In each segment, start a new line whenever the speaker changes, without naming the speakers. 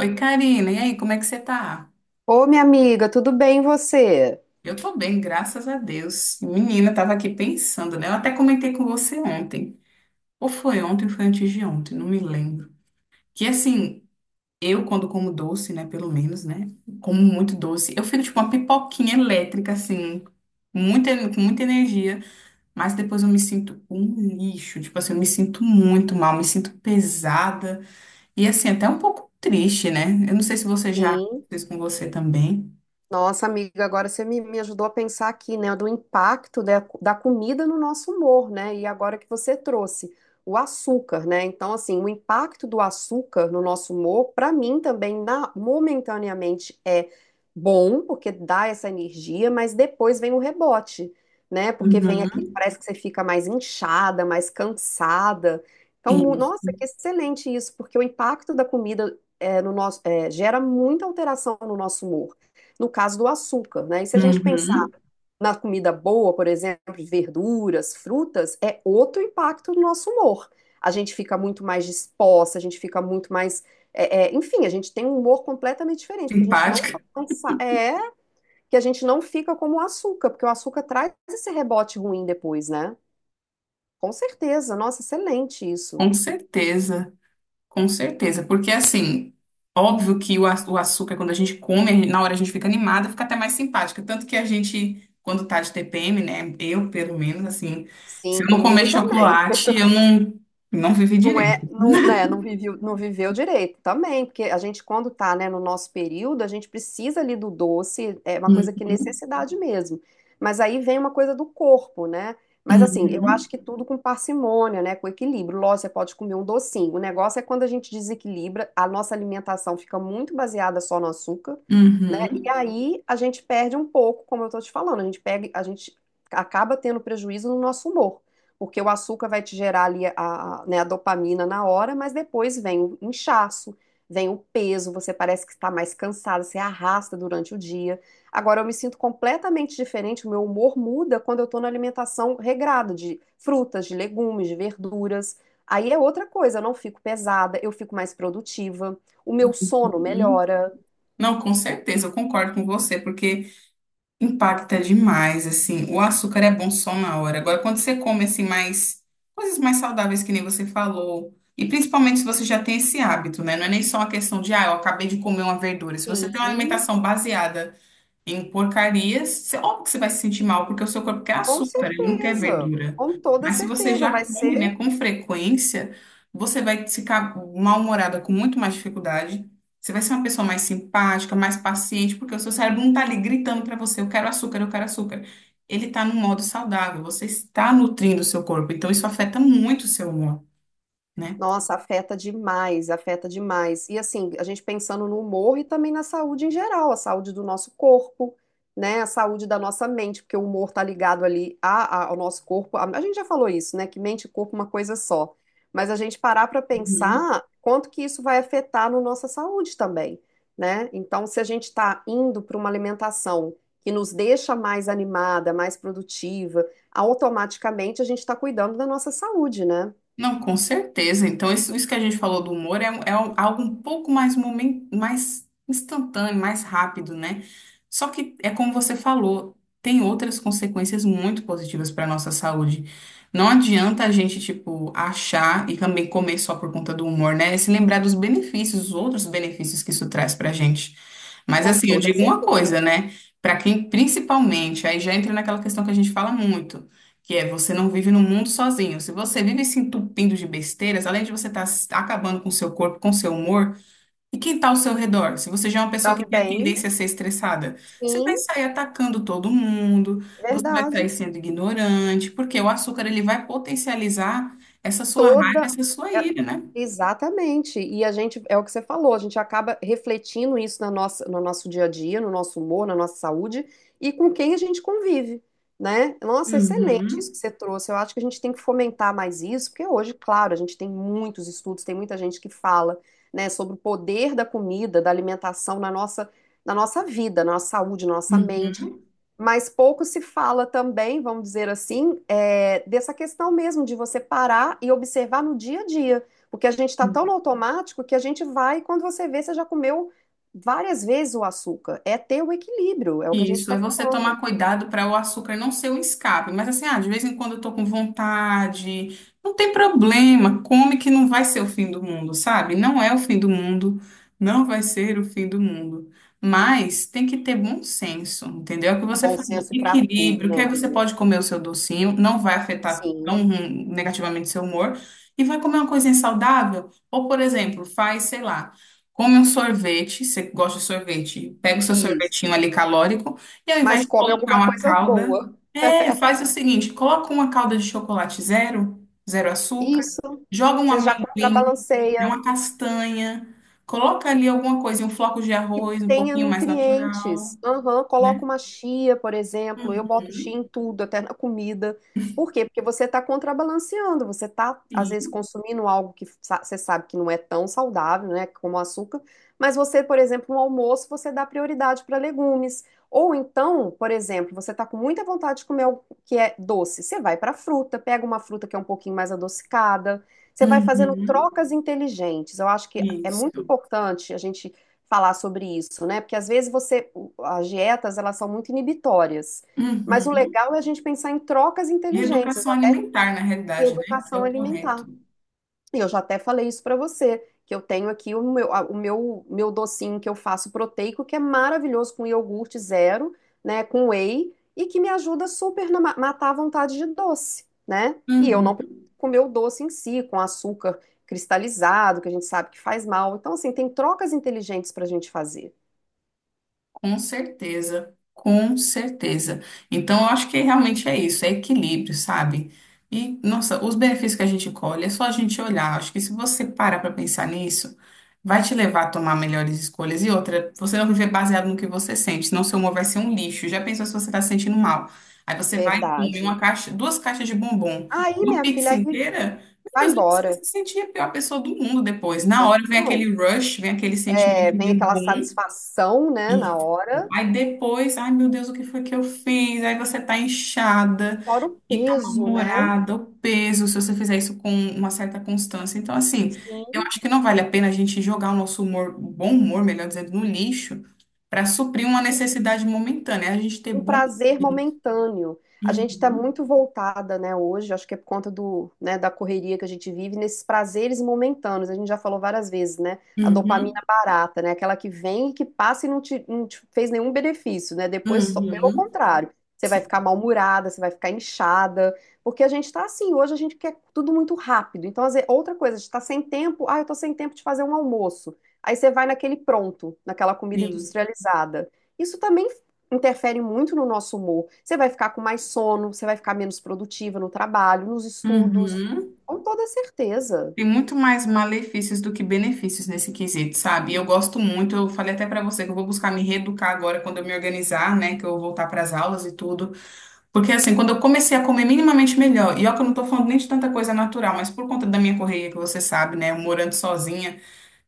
Oi, Karina, e aí, como é que você tá?
Ô, minha amiga, tudo bem e você?
Eu tô bem, graças a Deus. Menina, tava aqui pensando, né? Eu até comentei com você ontem. Ou foi ontem, ou foi antes de ontem, não me lembro. Que assim, eu quando como doce, né, pelo menos, né? Como muito doce, eu fico tipo uma pipoquinha elétrica, assim, muita, com muita energia, mas depois eu me sinto um lixo, tipo assim, eu me sinto muito mal, me sinto pesada e assim, até um pouco triste, né? Eu não sei se você já
Sim.
fez com você também.
Nossa, amiga, agora você me ajudou a pensar aqui, né, do impacto da comida no nosso humor, né? E agora que você trouxe o açúcar, né? Então, assim, o impacto do açúcar no nosso humor, para mim também, momentaneamente, bom, porque dá essa energia, mas depois vem o rebote, né? Porque vem
Uhum.
aqui, parece que você fica mais inchada, mais cansada. Então,
Isso.
nossa, que excelente isso, porque o impacto da comida no nosso, gera muita alteração no nosso humor no caso do açúcar, né? E se a gente pensar
Uhum.
na comida boa, por exemplo, verduras, frutas, é outro impacto no nosso humor. A gente fica muito mais disposta, a gente fica muito mais. Enfim, a gente tem um humor completamente diferente, porque a gente não
Simpática,
que a gente não fica como o açúcar, porque o açúcar traz esse rebote ruim depois, né? Com certeza, nossa, excelente isso.
com certeza, porque assim, óbvio que o açúcar, quando a gente come, na hora a gente fica animada, fica até mais simpática, tanto que a gente, quando tá de TPM, né, eu pelo menos, assim, se
Sim,
eu não comer
comigo também.
chocolate, eu não, não vivi
Não é,
direito.
não, né, não viveu, não viveu direito também, porque a gente, quando tá, né, no nosso período, a gente precisa ali do doce, é uma coisa que é
Uhum,
necessidade mesmo. Mas aí vem uma coisa do corpo, né? Mas assim, eu
uhum,
acho que tudo com parcimônia, né, com equilíbrio. Lógico, você pode comer um docinho. O negócio é quando a gente desequilibra, a nossa alimentação fica muito baseada só no açúcar, né? E
uhum,
aí a gente perde um pouco, como eu tô te falando, a gente pega, a gente acaba tendo prejuízo no nosso humor, porque o açúcar vai te gerar ali né, a dopamina na hora, mas depois vem o inchaço, vem o peso, você parece que está mais cansada, você arrasta durante o dia. Agora eu me sinto completamente diferente, o meu humor muda quando eu estou na alimentação regrada de frutas, de legumes, de verduras. Aí é outra coisa, eu não fico pesada, eu fico mais produtiva, o meu sono
uhum.
melhora.
Não, com certeza, eu concordo com você, porque impacta demais, assim. O açúcar é bom só na hora. Agora, quando você come, assim, mais coisas mais saudáveis, que nem você falou, e principalmente se você já tem esse hábito, né? Não é nem só uma questão de, ah, eu acabei de comer uma verdura. Se você tem uma
Sim,
alimentação baseada em porcarias, óbvio que você vai se sentir mal, porque o seu corpo quer
com
açúcar, ele não quer
certeza,
verdura.
com toda
Mas se você
certeza,
já
vai ser.
come, né, com frequência, você vai ficar mal-humorada com muito mais dificuldade. Você vai ser uma pessoa mais simpática, mais paciente, porque o seu cérebro não está ali gritando para você, eu quero açúcar, eu quero açúcar. Ele está num modo saudável, você está nutrindo o seu corpo, então isso afeta muito o seu humor, né?
Nossa, afeta demais, afeta demais. E assim, a gente pensando no humor e também na saúde em geral, a saúde do nosso corpo, né? A saúde da nossa mente, porque o humor tá ligado ali ao nosso corpo. A gente já falou isso, né? Que mente e corpo é uma coisa só. Mas a gente parar para
Uhum.
pensar quanto que isso vai afetar na nossa saúde também, né? Então, se a gente está indo para uma alimentação que nos deixa mais animada, mais produtiva, automaticamente a gente está cuidando da nossa saúde, né?
Não, com certeza. Então, isso que a gente falou do humor é, é um algo um pouco mais, mais instantâneo, mais rápido, né? Só que é como você falou, tem outras consequências muito positivas para a nossa saúde. Não adianta a gente, tipo, achar e também comer só por conta do humor, né? E se lembrar dos benefícios, os outros benefícios que isso traz para a gente. Mas,
Com
assim, eu
toda
digo uma
certeza.
coisa, né? Para quem, principalmente, aí já entra naquela questão que a gente fala muito. Que é, você não vive no mundo sozinho. Se você vive se entupindo de besteiras, além de você estar acabando com seu corpo, com seu humor, e quem está ao seu redor? Se você já é uma pessoa que
Prove
tem a
bem,
tendência a ser estressada, você
sim,
vai sair atacando todo mundo, você vai sair
verdade.
sendo ignorante, porque o açúcar ele vai potencializar essa sua raiva,
Toda.
essa sua
é-
ira, né?
Exatamente. E a gente, é o que você falou, a gente acaba refletindo isso na nossa, no nosso dia a dia, no nosso humor, na nossa saúde e com quem a gente convive, né? Nossa, excelente isso
Uhum.
que você trouxe. Eu acho que a gente tem que fomentar mais isso, porque hoje, claro, a gente tem muitos estudos, tem muita gente que fala, né, sobre o poder da comida, da alimentação na nossa vida, na nossa saúde, na nossa mente.
Uhum.
Mas pouco se fala também, vamos dizer assim, dessa questão mesmo de você parar e observar no dia a dia. Porque a gente está tão no automático que a gente vai, quando você vê, você já comeu várias vezes o açúcar. É ter o equilíbrio, é o que a gente
Isso,
está
é você
falando.
tomar cuidado para o açúcar não ser um escape. Mas assim, ah, de vez em quando eu tô com vontade, não tem problema, come que não vai ser o fim do mundo, sabe? Não é o fim do mundo, não vai ser o fim do mundo. Mas tem que ter bom senso, entendeu? É o que você
Bom
falou,
senso para tudo,
equilíbrio, que
né,
aí você
Bia?
pode comer o seu docinho, não vai afetar
Sim,
tão negativamente seu humor, e vai comer uma coisinha saudável, ou, por exemplo, faz, sei lá. Come um sorvete, você gosta de sorvete, pega o seu sorvetinho
isso.
ali calórico e ao invés
Mas
de
come
colocar
alguma
uma
coisa
calda,
boa.
é, faz o seguinte, coloca uma calda de chocolate zero, zero açúcar,
Isso.
joga um
Você já
amendoim, né,
contrabalanceia.
uma castanha, coloca ali alguma coisa, um floco de
Que
arroz, um
tenha
pouquinho mais natural,
nutrientes. Aham, coloca
né?
uma chia, por exemplo. Eu boto chia em tudo, até na comida. Por quê? Porque você está contrabalanceando. Você está, às vezes,
E-
consumindo algo que você sabe que não é tão saudável, né? Como o açúcar. Mas você, por exemplo, no almoço, você dá prioridade para legumes. Ou então, por exemplo, você está com muita vontade de comer algo que é doce. Você vai para fruta, pega uma fruta que é um pouquinho mais adocicada. Você vai fazendo
Uhum,
trocas inteligentes. Eu acho que é muito
isso.
importante a gente falar sobre isso, né? Porque às vezes você, as dietas, elas são muito inibitórias. Mas o
Uhum.
legal é a gente pensar em trocas inteligentes,
Reeducação
até
alimentar, na
em
realidade, né? Que é
educação
o correto.
alimentar. E eu já até falei isso para você, que eu tenho aqui o meu, a- o meu, meu docinho que eu faço proteico, que é maravilhoso com iogurte zero, né, com whey, e que me ajuda super na matar a vontade de doce, né? E eu
Uhum.
não preciso comer o doce em si, com açúcar cristalizado, que a gente sabe que faz mal. Então, assim, tem trocas inteligentes para a gente fazer.
Com certeza, com certeza. Então, eu acho que realmente é isso, é equilíbrio, sabe? E, nossa, os benefícios que a gente colhe, é só a gente olhar. Acho que se você parar para pensar nisso, vai te levar a tomar melhores escolhas. E outra, você não viver baseado no que você sente, senão seu humor vai ser um lixo. Já pensou se você está se sentindo mal? Aí você vai e come
Verdade.
uma caixa, duas caixas de bombom,
Aí,
uma
minha filha,
pizza
aí
inteira. Meu
vai
Deus, você vai
embora.
se sentir a pior pessoa do mundo depois. Na
Bom,
hora vem
não,
aquele rush, vem aquele
é,
sentimento
vem
de um
aquela
bom.
satisfação, né, na
E
hora,
aí depois, ai meu Deus, o que foi que eu fiz? Aí você tá inchada
fora o
e tá
peso, né?
mal-humorada, o peso, se você fizer isso com uma certa constância. Então, assim, eu
Sim.
acho que não vale a pena a gente jogar o nosso humor, o bom humor, melhor dizendo, no lixo para suprir uma necessidade momentânea. É a gente ter
Um
bom.
prazer momentâneo. A gente está
Uhum.
muito voltada, né, hoje, acho que é por conta do, né, da correria que a gente vive, nesses prazeres momentâneos. A gente já falou várias vezes, né? A dopamina
uhum,
barata, né? Aquela que vem e que passa e não te fez nenhum benefício, né? Depois, só, pelo
uhum.
contrário, você vai ficar
Sim,
mal-humorada, você vai ficar inchada, porque a gente está assim, hoje a gente quer tudo muito rápido. Então, às vezes, outra coisa, a gente está sem tempo, ah, eu estou sem tempo de fazer um almoço. Aí você vai naquele pronto, naquela comida
sim.
industrializada. Isso também interfere muito no nosso humor. Você vai ficar com mais sono, você vai ficar menos produtiva no trabalho, nos estudos.
Uhum.
Com toda certeza.
Tem muito mais malefícios do que benefícios nesse quesito, sabe? Eu gosto muito, eu falei até pra você que eu vou buscar me reeducar agora quando eu me organizar, né? Que eu voltar pras aulas e tudo. Porque assim, quando eu comecei a comer minimamente melhor, e ó, que eu não tô falando nem de tanta coisa natural, mas por conta da minha correria, que você sabe, né? Eu morando sozinha.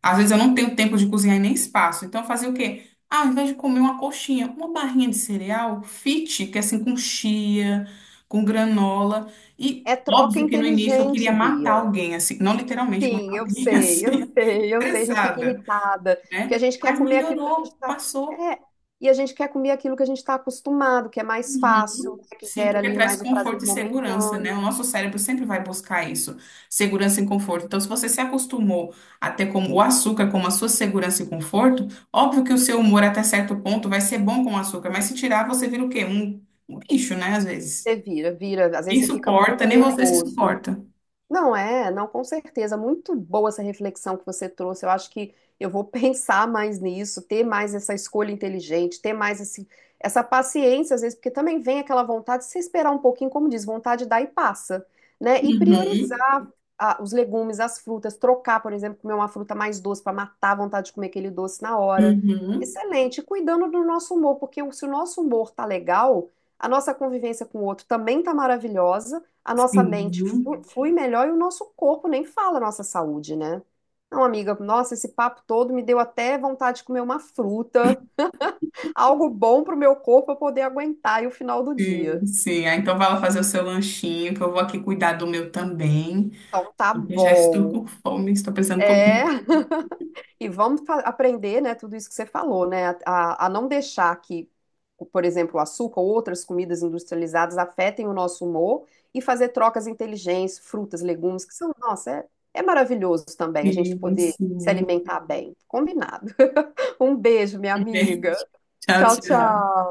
Às vezes eu não tenho tempo de cozinhar e nem espaço. Então eu fazia o quê? Ah, ao invés de comer uma coxinha, uma barrinha de cereal fit, que é assim com chia, com granola. E
É troca
óbvio que no início eu queria
inteligente,
matar
Bia.
alguém, assim, não literalmente
Sim,
matar
eu
alguém,
sei, eu
assim,
sei, eu sei. A gente fica
estressada,
irritada, porque a
né?
gente quer
Mas
comer aquilo que a gente
melhorou,
está.
passou.
É, e a gente quer comer aquilo que a gente está acostumado, que é mais fácil,
Uhum.
né, que
Sim,
gera
porque
ali
traz
mais o prazer
conforto e segurança, né?
momentâneo.
O nosso cérebro sempre vai buscar isso, segurança e conforto. Então, se você se acostumou a ter como o açúcar como a sua segurança e conforto, óbvio que o seu humor até certo ponto vai ser bom com o açúcar, mas se tirar, você vira o quê? Um bicho, né? Às vezes.
Você vira, vira. Às vezes
Quem
você fica
suporta,
muito
nem você se
nervoso.
suporta.
Não é, não, com certeza. Muito boa essa reflexão que você trouxe. Eu acho que eu vou pensar mais nisso, ter mais essa escolha inteligente, ter mais esse, essa paciência, às vezes, porque também vem aquela vontade, se você esperar um pouquinho, como diz, vontade dá e passa, né? E
Uhum.
priorizar os legumes, as frutas, trocar, por exemplo, comer uma fruta mais doce para matar a vontade de comer aquele doce na hora.
uhum.
Excelente, e cuidando do nosso humor, porque se o nosso humor tá legal, a nossa convivência com o outro também tá maravilhosa, a nossa mente
Sim,
flui melhor e o nosso corpo nem fala a nossa saúde, né? Não, amiga, nossa, esse papo todo me deu até vontade de comer uma fruta, algo bom pro meu corpo pra poder aguentar aí o final do dia.
sim, sim. Ah, então vai lá fazer o seu lanchinho, que eu vou aqui cuidar do meu também,
Então tá
porque já estou
bom.
com fome, estou pensando como.
É. E vamos aprender, né, tudo isso que você falou, né, a não deixar que, por exemplo, o açúcar ou outras comidas industrializadas afetem o nosso humor e fazer trocas inteligentes, frutas, legumes, que são, nossa, é, é maravilhoso também a gente
Sim,
poder se
sim.
alimentar bem. Combinado. Um beijo, minha amiga.
Tchau,
Tchau,
tchau.
tchau.